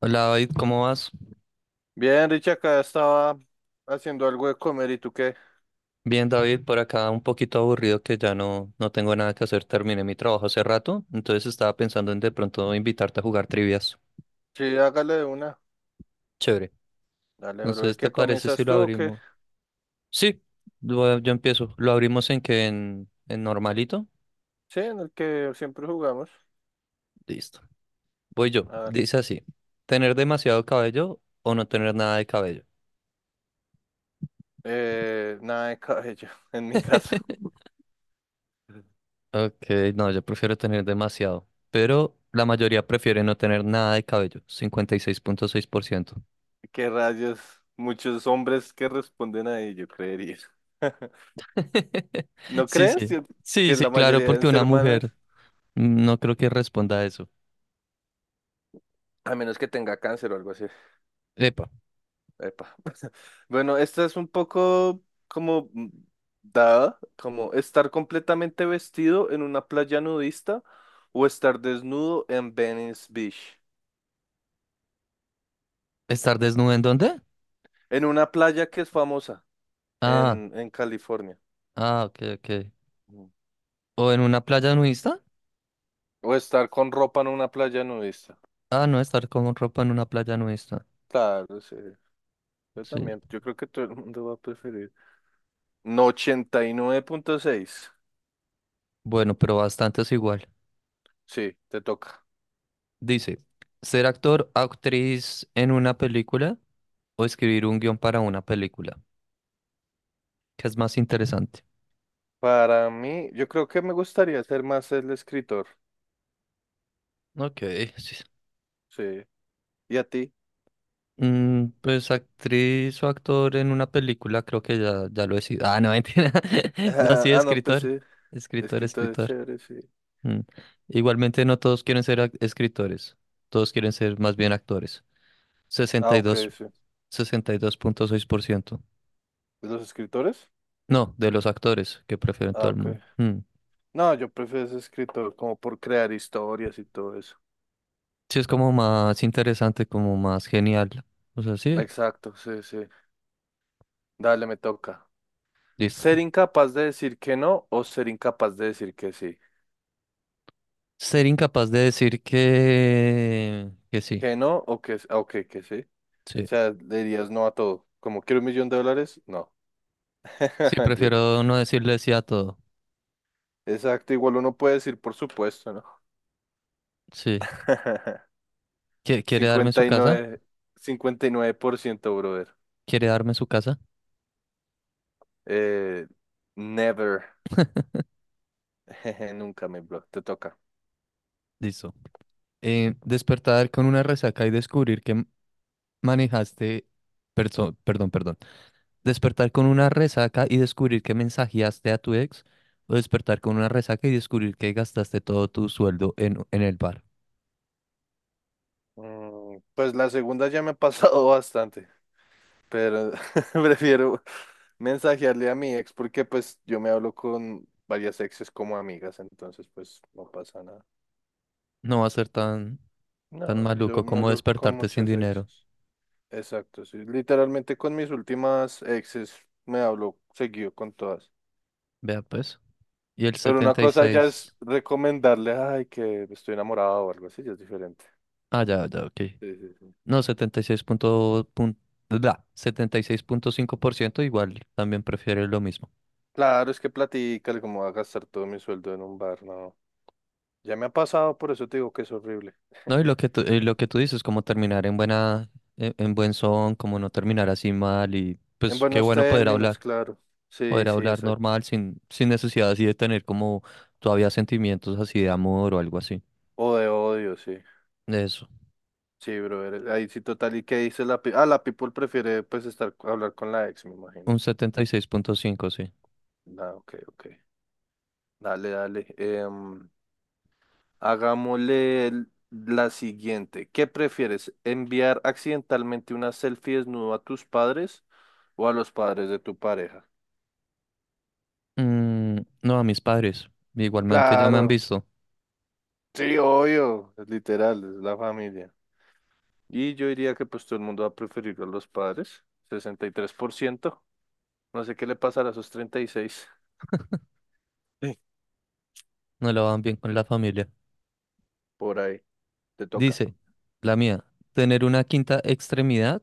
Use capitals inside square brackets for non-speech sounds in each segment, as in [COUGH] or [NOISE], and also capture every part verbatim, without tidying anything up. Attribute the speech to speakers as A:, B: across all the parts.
A: Hola David, ¿cómo vas?
B: Bien, Richie, acá estaba haciendo algo de comer. ¿Y tú qué?
A: Bien David, por acá un poquito aburrido que ya no, no tengo nada que hacer, terminé mi trabajo hace rato, entonces estaba pensando en de pronto invitarte a jugar trivias.
B: Sí, hágale de una.
A: Chévere.
B: Dale, bro. ¿El
A: Entonces, ¿te
B: que
A: parece si
B: comienzas
A: lo
B: tú o qué?
A: abrimos? Sí, lo- yo empiezo. ¿Lo abrimos en que ¿En, en normalito?
B: Sí, en el que siempre jugamos.
A: Listo. Voy yo.
B: Hágale.
A: Dice así, ¿tener demasiado cabello o no tener nada de cabello?
B: Eh, nada de cabello, [LAUGHS] en mi caso.
A: [LAUGHS]
B: [LAUGHS]
A: Ok, no, yo prefiero tener demasiado, pero la mayoría prefiere no tener nada de cabello, cincuenta y seis punto seis por ciento.
B: ¿Qué rayos? Muchos hombres que responden ahí, yo creería. [LAUGHS]
A: [LAUGHS]
B: ¿No
A: Sí,
B: crees?
A: sí.
B: Yo-
A: Sí,
B: que
A: sí,
B: la
A: claro,
B: mayoría
A: porque
B: deben
A: una
B: ser manos.
A: mujer mm, no creo que responda a eso.
B: A menos que tenga cáncer o algo así.
A: Epa,
B: Epa. Bueno, esta es un poco como mm, dada, como estar completamente vestido en una playa nudista o estar desnudo en Venice Beach,
A: ¿estar desnuda en dónde?
B: en una playa que es famosa
A: Ah,
B: en, en California.
A: ah, ok, ok.
B: Mm.
A: ¿O en una playa nudista?
B: O estar con ropa en una playa nudista.
A: Ah, no, estar con ropa en una playa nudista.
B: Claro, sí. Yo
A: Sí.
B: también, yo creo que todo el mundo va a preferir. No, ochenta y nueve punto seis.
A: Bueno, pero bastante es igual.
B: Sí, te toca.
A: Dice, ¿ser actor, actriz en una película o escribir un guión para una película? ¿Qué es más interesante?
B: Para mí, yo creo que me gustaría ser más el escritor.
A: Ok, [LAUGHS] sí.
B: Sí. ¿Y a ti?
A: Mm, pues actriz o actor en una película, creo que ya, ya lo he sido. Ah, no, mentira. [LAUGHS] No, sí,
B: [LAUGHS] Ah, no, pues
A: escritor.
B: sí.
A: Escritor,
B: Escritores
A: escritor.
B: chéveres, sí.
A: Mm. Igualmente no todos quieren ser ac- escritores. Todos quieren ser más bien actores.
B: Ah,
A: Sesenta sesenta y y
B: ok,
A: dos,
B: sí.
A: sesenta y dos punto seis por ciento.
B: ¿De los escritores?
A: No, de los actores que prefieren
B: Ah,
A: todo el
B: ok.
A: mundo. Mm.
B: No, yo prefiero ese escritor como por crear historias y todo eso.
A: Sí, es como más interesante, como más genial. O sea, sí,
B: Exacto, sí, sí. Dale, me toca.
A: listo.
B: Ser incapaz de decir que no o ser incapaz de decir que sí.
A: Ser incapaz de decir que, que sí.
B: Que no o que, ah, ok, que sí. O
A: Sí.
B: sea, le dirías no a todo. Como quiero un millón de dólares, no. [LAUGHS]
A: Sí,
B: Mentira.
A: prefiero no decirle sí a todo.
B: Exacto, igual uno puede decir por supuesto, ¿no?
A: Sí.
B: [LAUGHS]
A: ¿Qui- ¿Quiere darme
B: cincuenta
A: su
B: cincuenta y y
A: casa?
B: nueve Cincuenta y nueve por ciento, brother.
A: ¿Quiere darme su casa?
B: Eh, Never. [LAUGHS] Jeje, nunca me blog, te toca.
A: Listo. Eh, despertar con una resaca y descubrir que m- manejaste... perso- perdón, perdón. Despertar con una resaca y descubrir que mensajeaste a tu ex. O despertar con una resaca y descubrir que gastaste todo tu sueldo en, en el bar.
B: Mm, pues la segunda ya me ha pasado [LAUGHS] bastante, pero [LAUGHS] prefiero mensajearle a mi ex porque pues yo me hablo con varias exes como amigas, entonces pues no pasa nada.
A: No va a ser tan, tan
B: No, yo
A: maluco
B: me
A: como
B: hablo con
A: despertarte sin
B: muchas
A: dinero.
B: exes. Exacto, sí. Literalmente con mis últimas exes me hablo seguido con todas.
A: Vea pues. Y el
B: Pero una
A: setenta y
B: cosa ya es
A: seis.
B: recomendarle, ay, que estoy enamorado o algo así, ya es diferente.
A: Ah, ya, ya, ok.
B: Sí, sí, sí.
A: No, setenta y seis punto, pun- bla, setenta y seis punto cinco por ciento igual también prefiere lo mismo.
B: Claro, es que platícale cómo va a gastar todo mi sueldo en un bar, no. Ya me ha pasado, por eso te digo que es horrible.
A: No, y lo que tú, y lo que tú dices, como terminar en buena, en, en buen son, como no terminar así mal y
B: En
A: pues qué
B: buenos
A: bueno poder
B: términos,
A: hablar,
B: claro. Sí,
A: poder
B: sí,
A: hablar
B: exacto.
A: normal sin, sin necesidad así de tener como todavía sentimientos así de amor o algo así.
B: O de odio, sí.
A: Eso,
B: Sí, brother. Ahí sí, total. ¿Y qué dice la pi-? Ah, la people prefiere, pues, estar, hablar con la ex, me imagino.
A: un setenta y seis punto cinco sí.
B: Ah, ok, ok. Dale, dale. Em, hagámosle el- la siguiente. ¿Qué prefieres? ¿Enviar accidentalmente una selfie desnudo a tus padres o a los padres de tu pareja?
A: Mm, no, a mis padres, igualmente ya me han
B: Claro.
A: visto,
B: Sí, obvio, es literal, es la familia. Y yo diría que pues todo el mundo va a preferir a los padres, sesenta y tres por ciento. No sé qué le pasará a esos treinta y seis. Sí.
A: no la van bien con la familia.
B: Por ahí, te toca.
A: Dice, la mía, tener una quinta extremidad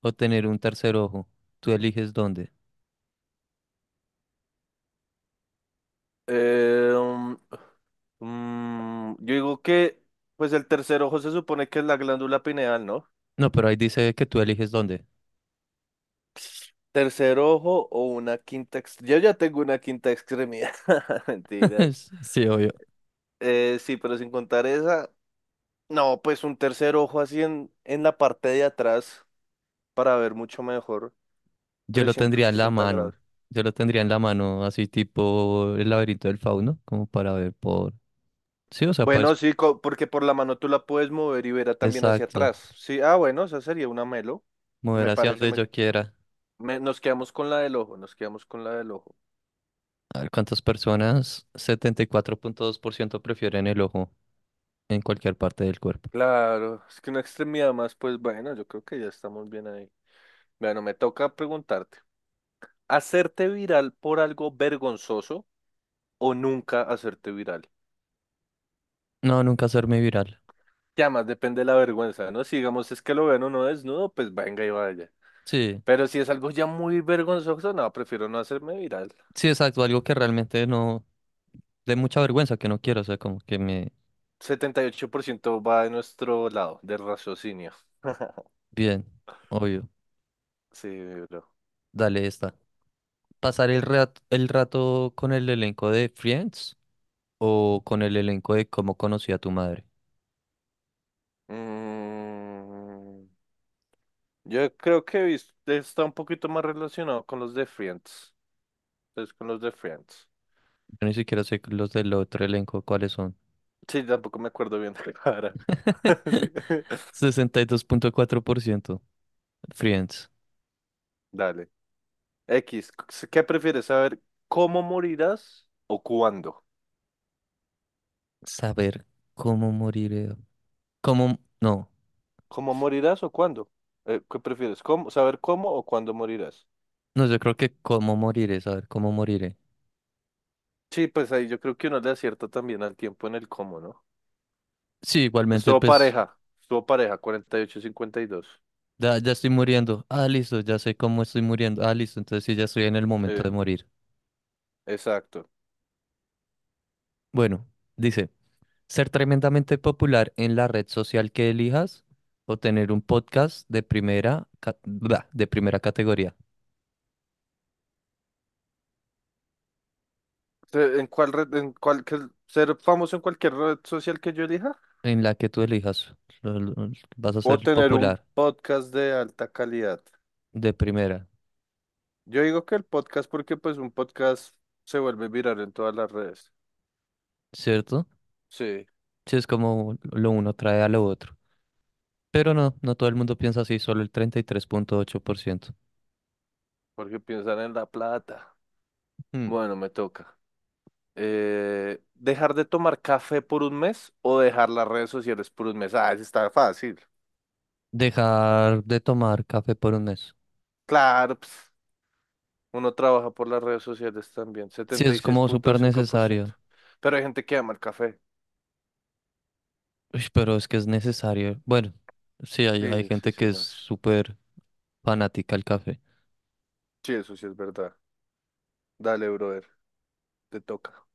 A: o tener un tercer ojo. Tú eliges dónde.
B: Eh, um, mm, yo digo que pues el tercer ojo se supone que es la glándula pineal, ¿no?
A: No, pero ahí dice que tú eliges dónde.
B: Tercer ojo o una quinta ex-. Yo ya tengo una quinta extremidad. [LAUGHS] Mentiras.
A: [LAUGHS] Sí, obvio.
B: Eh, sí, pero sin contar esa, no, pues un tercer ojo así en, en la parte de atrás. Para ver mucho mejor
A: Yo lo
B: trescientos
A: tendría en la
B: sesenta
A: mano.
B: grados.
A: Yo lo tendría en la mano, así tipo el laberinto del fauno, como para ver por... Sí, o sea, pues,
B: Bueno, sí, co- porque por la mano tú la puedes mover y verá también hacia
A: exacto.
B: atrás. Sí, ah, bueno, esa sería una melo.
A: Mover
B: Me
A: hacia
B: parece,
A: donde
B: me,
A: yo quiera.
B: me- nos quedamos con la del ojo, nos quedamos con la del ojo.
A: A ver cuántas personas, setenta y cuatro punto dos por ciento prefieren el ojo en cualquier parte del cuerpo.
B: Claro, es que una extremidad más, pues bueno, yo creo que ya estamos bien ahí. Bueno, me toca preguntarte, ¿hacerte viral por algo vergonzoso o nunca hacerte viral?
A: No, nunca hacerme viral.
B: Ya más depende de la vergüenza, ¿no? Si digamos es que lo ven o no desnudo, pues venga y vaya.
A: Sí,
B: Pero si es algo ya muy vergonzoso, no, prefiero no hacerme viral.
A: sí, exacto. Algo que realmente no... de mucha vergüenza que no quiero, o sea, como que me...
B: Setenta y ocho por ciento va de nuestro lado, del raciocinio. [LAUGHS]
A: Bien, obvio,
B: Sí, bro.
A: dale esta. ¿Pasar el rato, el rato con el elenco de Friends o con el elenco de Cómo conocí a tu madre?
B: Mm, yo creo que vis- está un poquito más relacionado con los de Friends. Entonces, con los de Friends.
A: Yo ni siquiera sé los del otro elenco cuáles son.
B: Sí, tampoco me acuerdo bien de la cara.
A: [LAUGHS]
B: [LAUGHS] Sí.
A: sesenta y dos punto cuatro por ciento Friends.
B: Dale. X, ¿qué prefieres saber? ¿Cómo morirás o cuándo?
A: Saber cómo moriré. Cómo... No,
B: ¿Cómo morirás o cuándo? Eh, ¿qué prefieres? ¿Cómo, saber cómo o cuándo morirás?
A: no, yo creo que cómo moriré, saber cómo moriré.
B: Sí, pues ahí yo creo que uno le acierta también al tiempo en el cómo, ¿no?
A: Sí, igualmente,
B: Estuvo
A: pues...
B: pareja, estuvo pareja, cuarenta y ocho cincuenta y dos.
A: Ya, ya estoy muriendo. Ah, listo, ya sé cómo estoy muriendo. Ah, listo, entonces sí, ya estoy en el
B: Sí,
A: momento de morir.
B: exacto.
A: Bueno, dice, ser tremendamente popular en la red social que elijas o tener un podcast de primera, ca- bla, de primera categoría
B: Se- ¿En cuál red, en cuál, ser famoso en cualquier red social que yo elija?
A: en la que tú elijas. Lo- lo- Vas a
B: ¿O
A: ser
B: tener un
A: popular
B: podcast de alta calidad?
A: de primera,
B: Yo digo que el podcast porque pues un podcast se vuelve viral en todas las redes.
A: ¿cierto?
B: Sí,
A: Sí, es como lo uno trae a lo otro. Pero no, no todo el mundo piensa así, solo el treinta y tres punto ocho por ciento.
B: porque piensan en la plata.
A: Hmm.
B: Bueno, me toca. Eh, ¿dejar de tomar café por un mes o dejar las redes sociales por un mes? Ah, eso está fácil.
A: Dejar de tomar café por un mes.
B: Claro, pues, uno trabaja por las redes sociales también,
A: Sí,
B: setenta y
A: es
B: seis
A: como
B: punto
A: súper
B: cinco por ciento
A: necesario.
B: Pero hay gente que ama el café.
A: Uy, pero es que es necesario. Bueno, sí, hay, hay
B: Sí, sí,
A: gente
B: sí,
A: que es
B: no sé.
A: súper fanática al café.
B: Sí, eso sí es verdad. Dale, brother, te toca.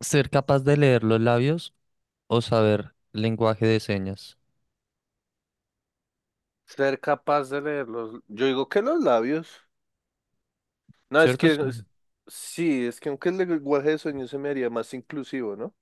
A: Ser capaz de leer los labios o saber lenguaje de señas,
B: Ser capaz de leer los. Yo digo que los labios. No, es
A: ¿cierto?
B: que,
A: Es como-
B: es-. Sí, es que aunque el lenguaje de sueño se me haría más inclusivo, ¿no?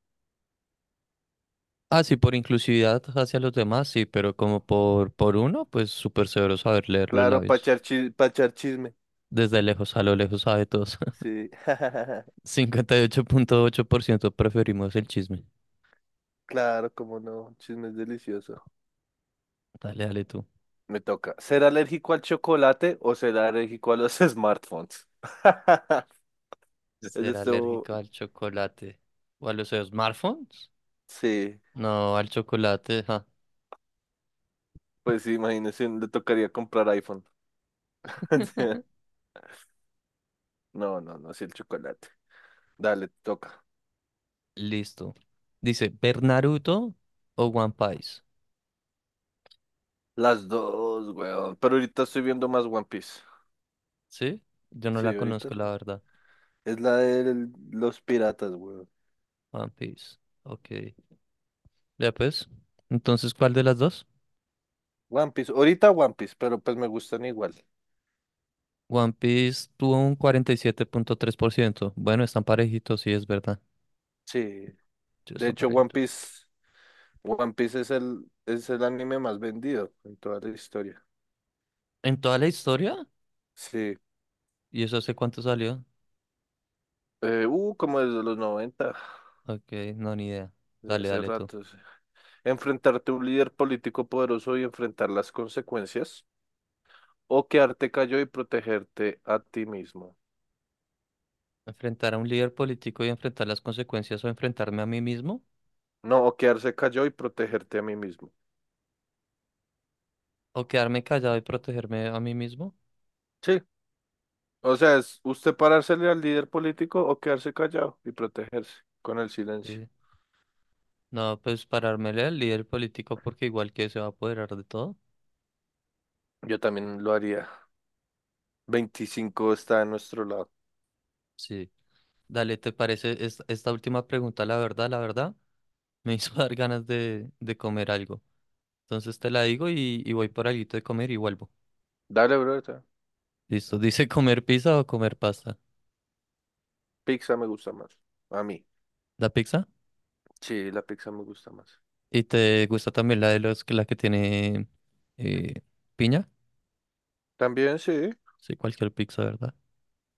A: Ah, sí, por inclusividad hacia los demás, sí, pero como por, por uno, pues súper severo saber leer los
B: Claro, para
A: labios.
B: pachar, pachar chisme.
A: Desde lejos a lo lejos sabe todos. [LAUGHS]
B: Sí, [LAUGHS]
A: Cincuenta y ocho punto ocho por ciento preferimos el chisme.
B: claro, cómo no, chisme es delicioso.
A: Dale, dale tú.
B: Me toca. ¿Ser alérgico al chocolate o ser alérgico a los [LAUGHS] smartphones? [LAUGHS] Es
A: Ser
B: esto.
A: alérgico al chocolate o a los smartphones.
B: Sí.
A: No, al chocolate, ja.
B: Pues sí, imagínese, le tocaría comprar iPhone. [LAUGHS]
A: [LAUGHS]
B: No, no, no, sí, el chocolate. Dale, te toca.
A: Listo. Dice, ¿ver Naruto o One Piece?
B: Las dos, weón. Pero ahorita estoy viendo más One Piece.
A: ¿Sí? Yo no
B: Sí,
A: la
B: ahorita.
A: conozco, la
B: Sí.
A: verdad.
B: Es la de los piratas, weón.
A: One Piece. Ok. Ya pues. Entonces, ¿cuál de las dos?
B: One Piece. Ahorita One Piece, pero pues me gustan igual.
A: One Piece tuvo un cuarenta y siete punto tres por ciento. Bueno, están parejitos, sí, es verdad.
B: Sí.
A: Sí,
B: De
A: están
B: hecho, One
A: parejitos.
B: Piece, One Piece es el, es el, anime más vendido en toda la historia.
A: ¿En toda la historia?
B: Sí.
A: ¿Y eso hace cuánto salió?
B: Eh, uh, como desde los noventa
A: Ok, no, ni idea.
B: de
A: Dale,
B: hace
A: dale tú.
B: rato. Sí. Enfrentarte a un líder político poderoso y enfrentar las consecuencias. O quedarte callado y protegerte a ti mismo.
A: ¿Enfrentar a un líder político y enfrentar las consecuencias o enfrentarme a mí mismo?
B: No, o quedarse callado y protegerte a mí mismo.
A: O quedarme callado y protegerme a mí mismo.
B: Sí. O sea, es usted parársele al líder político o quedarse callado y protegerse con el silencio.
A: Sí. No, pues parármele al líder político porque igual que se va a apoderar de todo.
B: Yo también lo haría. Veinticinco está a nuestro lado.
A: Sí. Dale, ¿te parece es- esta última pregunta? La verdad, la verdad, me hizo [LAUGHS] dar ganas de, de comer algo. Entonces te la digo y, y voy por algo de comer y vuelvo.
B: Dale, bro.
A: Listo, dice [LAUGHS] comer pizza o comer pasta.
B: Pizza me gusta más. A mí.
A: ¿La pizza?
B: Sí, la pizza me gusta más.
A: ¿Y te gusta también la de los que la que tiene eh, piña?
B: También sí.
A: Sí, cualquier pizza, ¿verdad?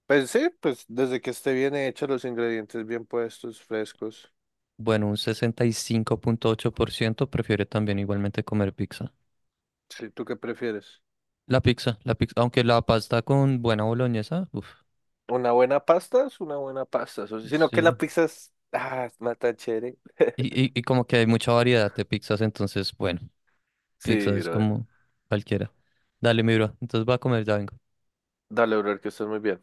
B: Pues sí, pues desde que esté bien hecho, los ingredientes bien puestos, frescos.
A: Bueno, un sesenta y cinco punto ocho por ciento prefiere también igualmente comer pizza.
B: Sí, ¿tú qué prefieres?
A: La pizza, la pizza, aunque la pasta con buena boloñesa, uff,
B: ¿Una buena pasta? Es una buena pasta. O sea, sino que
A: sí.
B: la pizza es. Ah, es más tan chévere.
A: Y,
B: [LAUGHS]
A: y, y como que hay mucha variedad de pizzas, entonces, bueno,
B: Sí,
A: pizza es
B: brother.
A: como cualquiera. Dale, mi bro, entonces va a comer, ya vengo.
B: Dale, brother, que estás muy bien.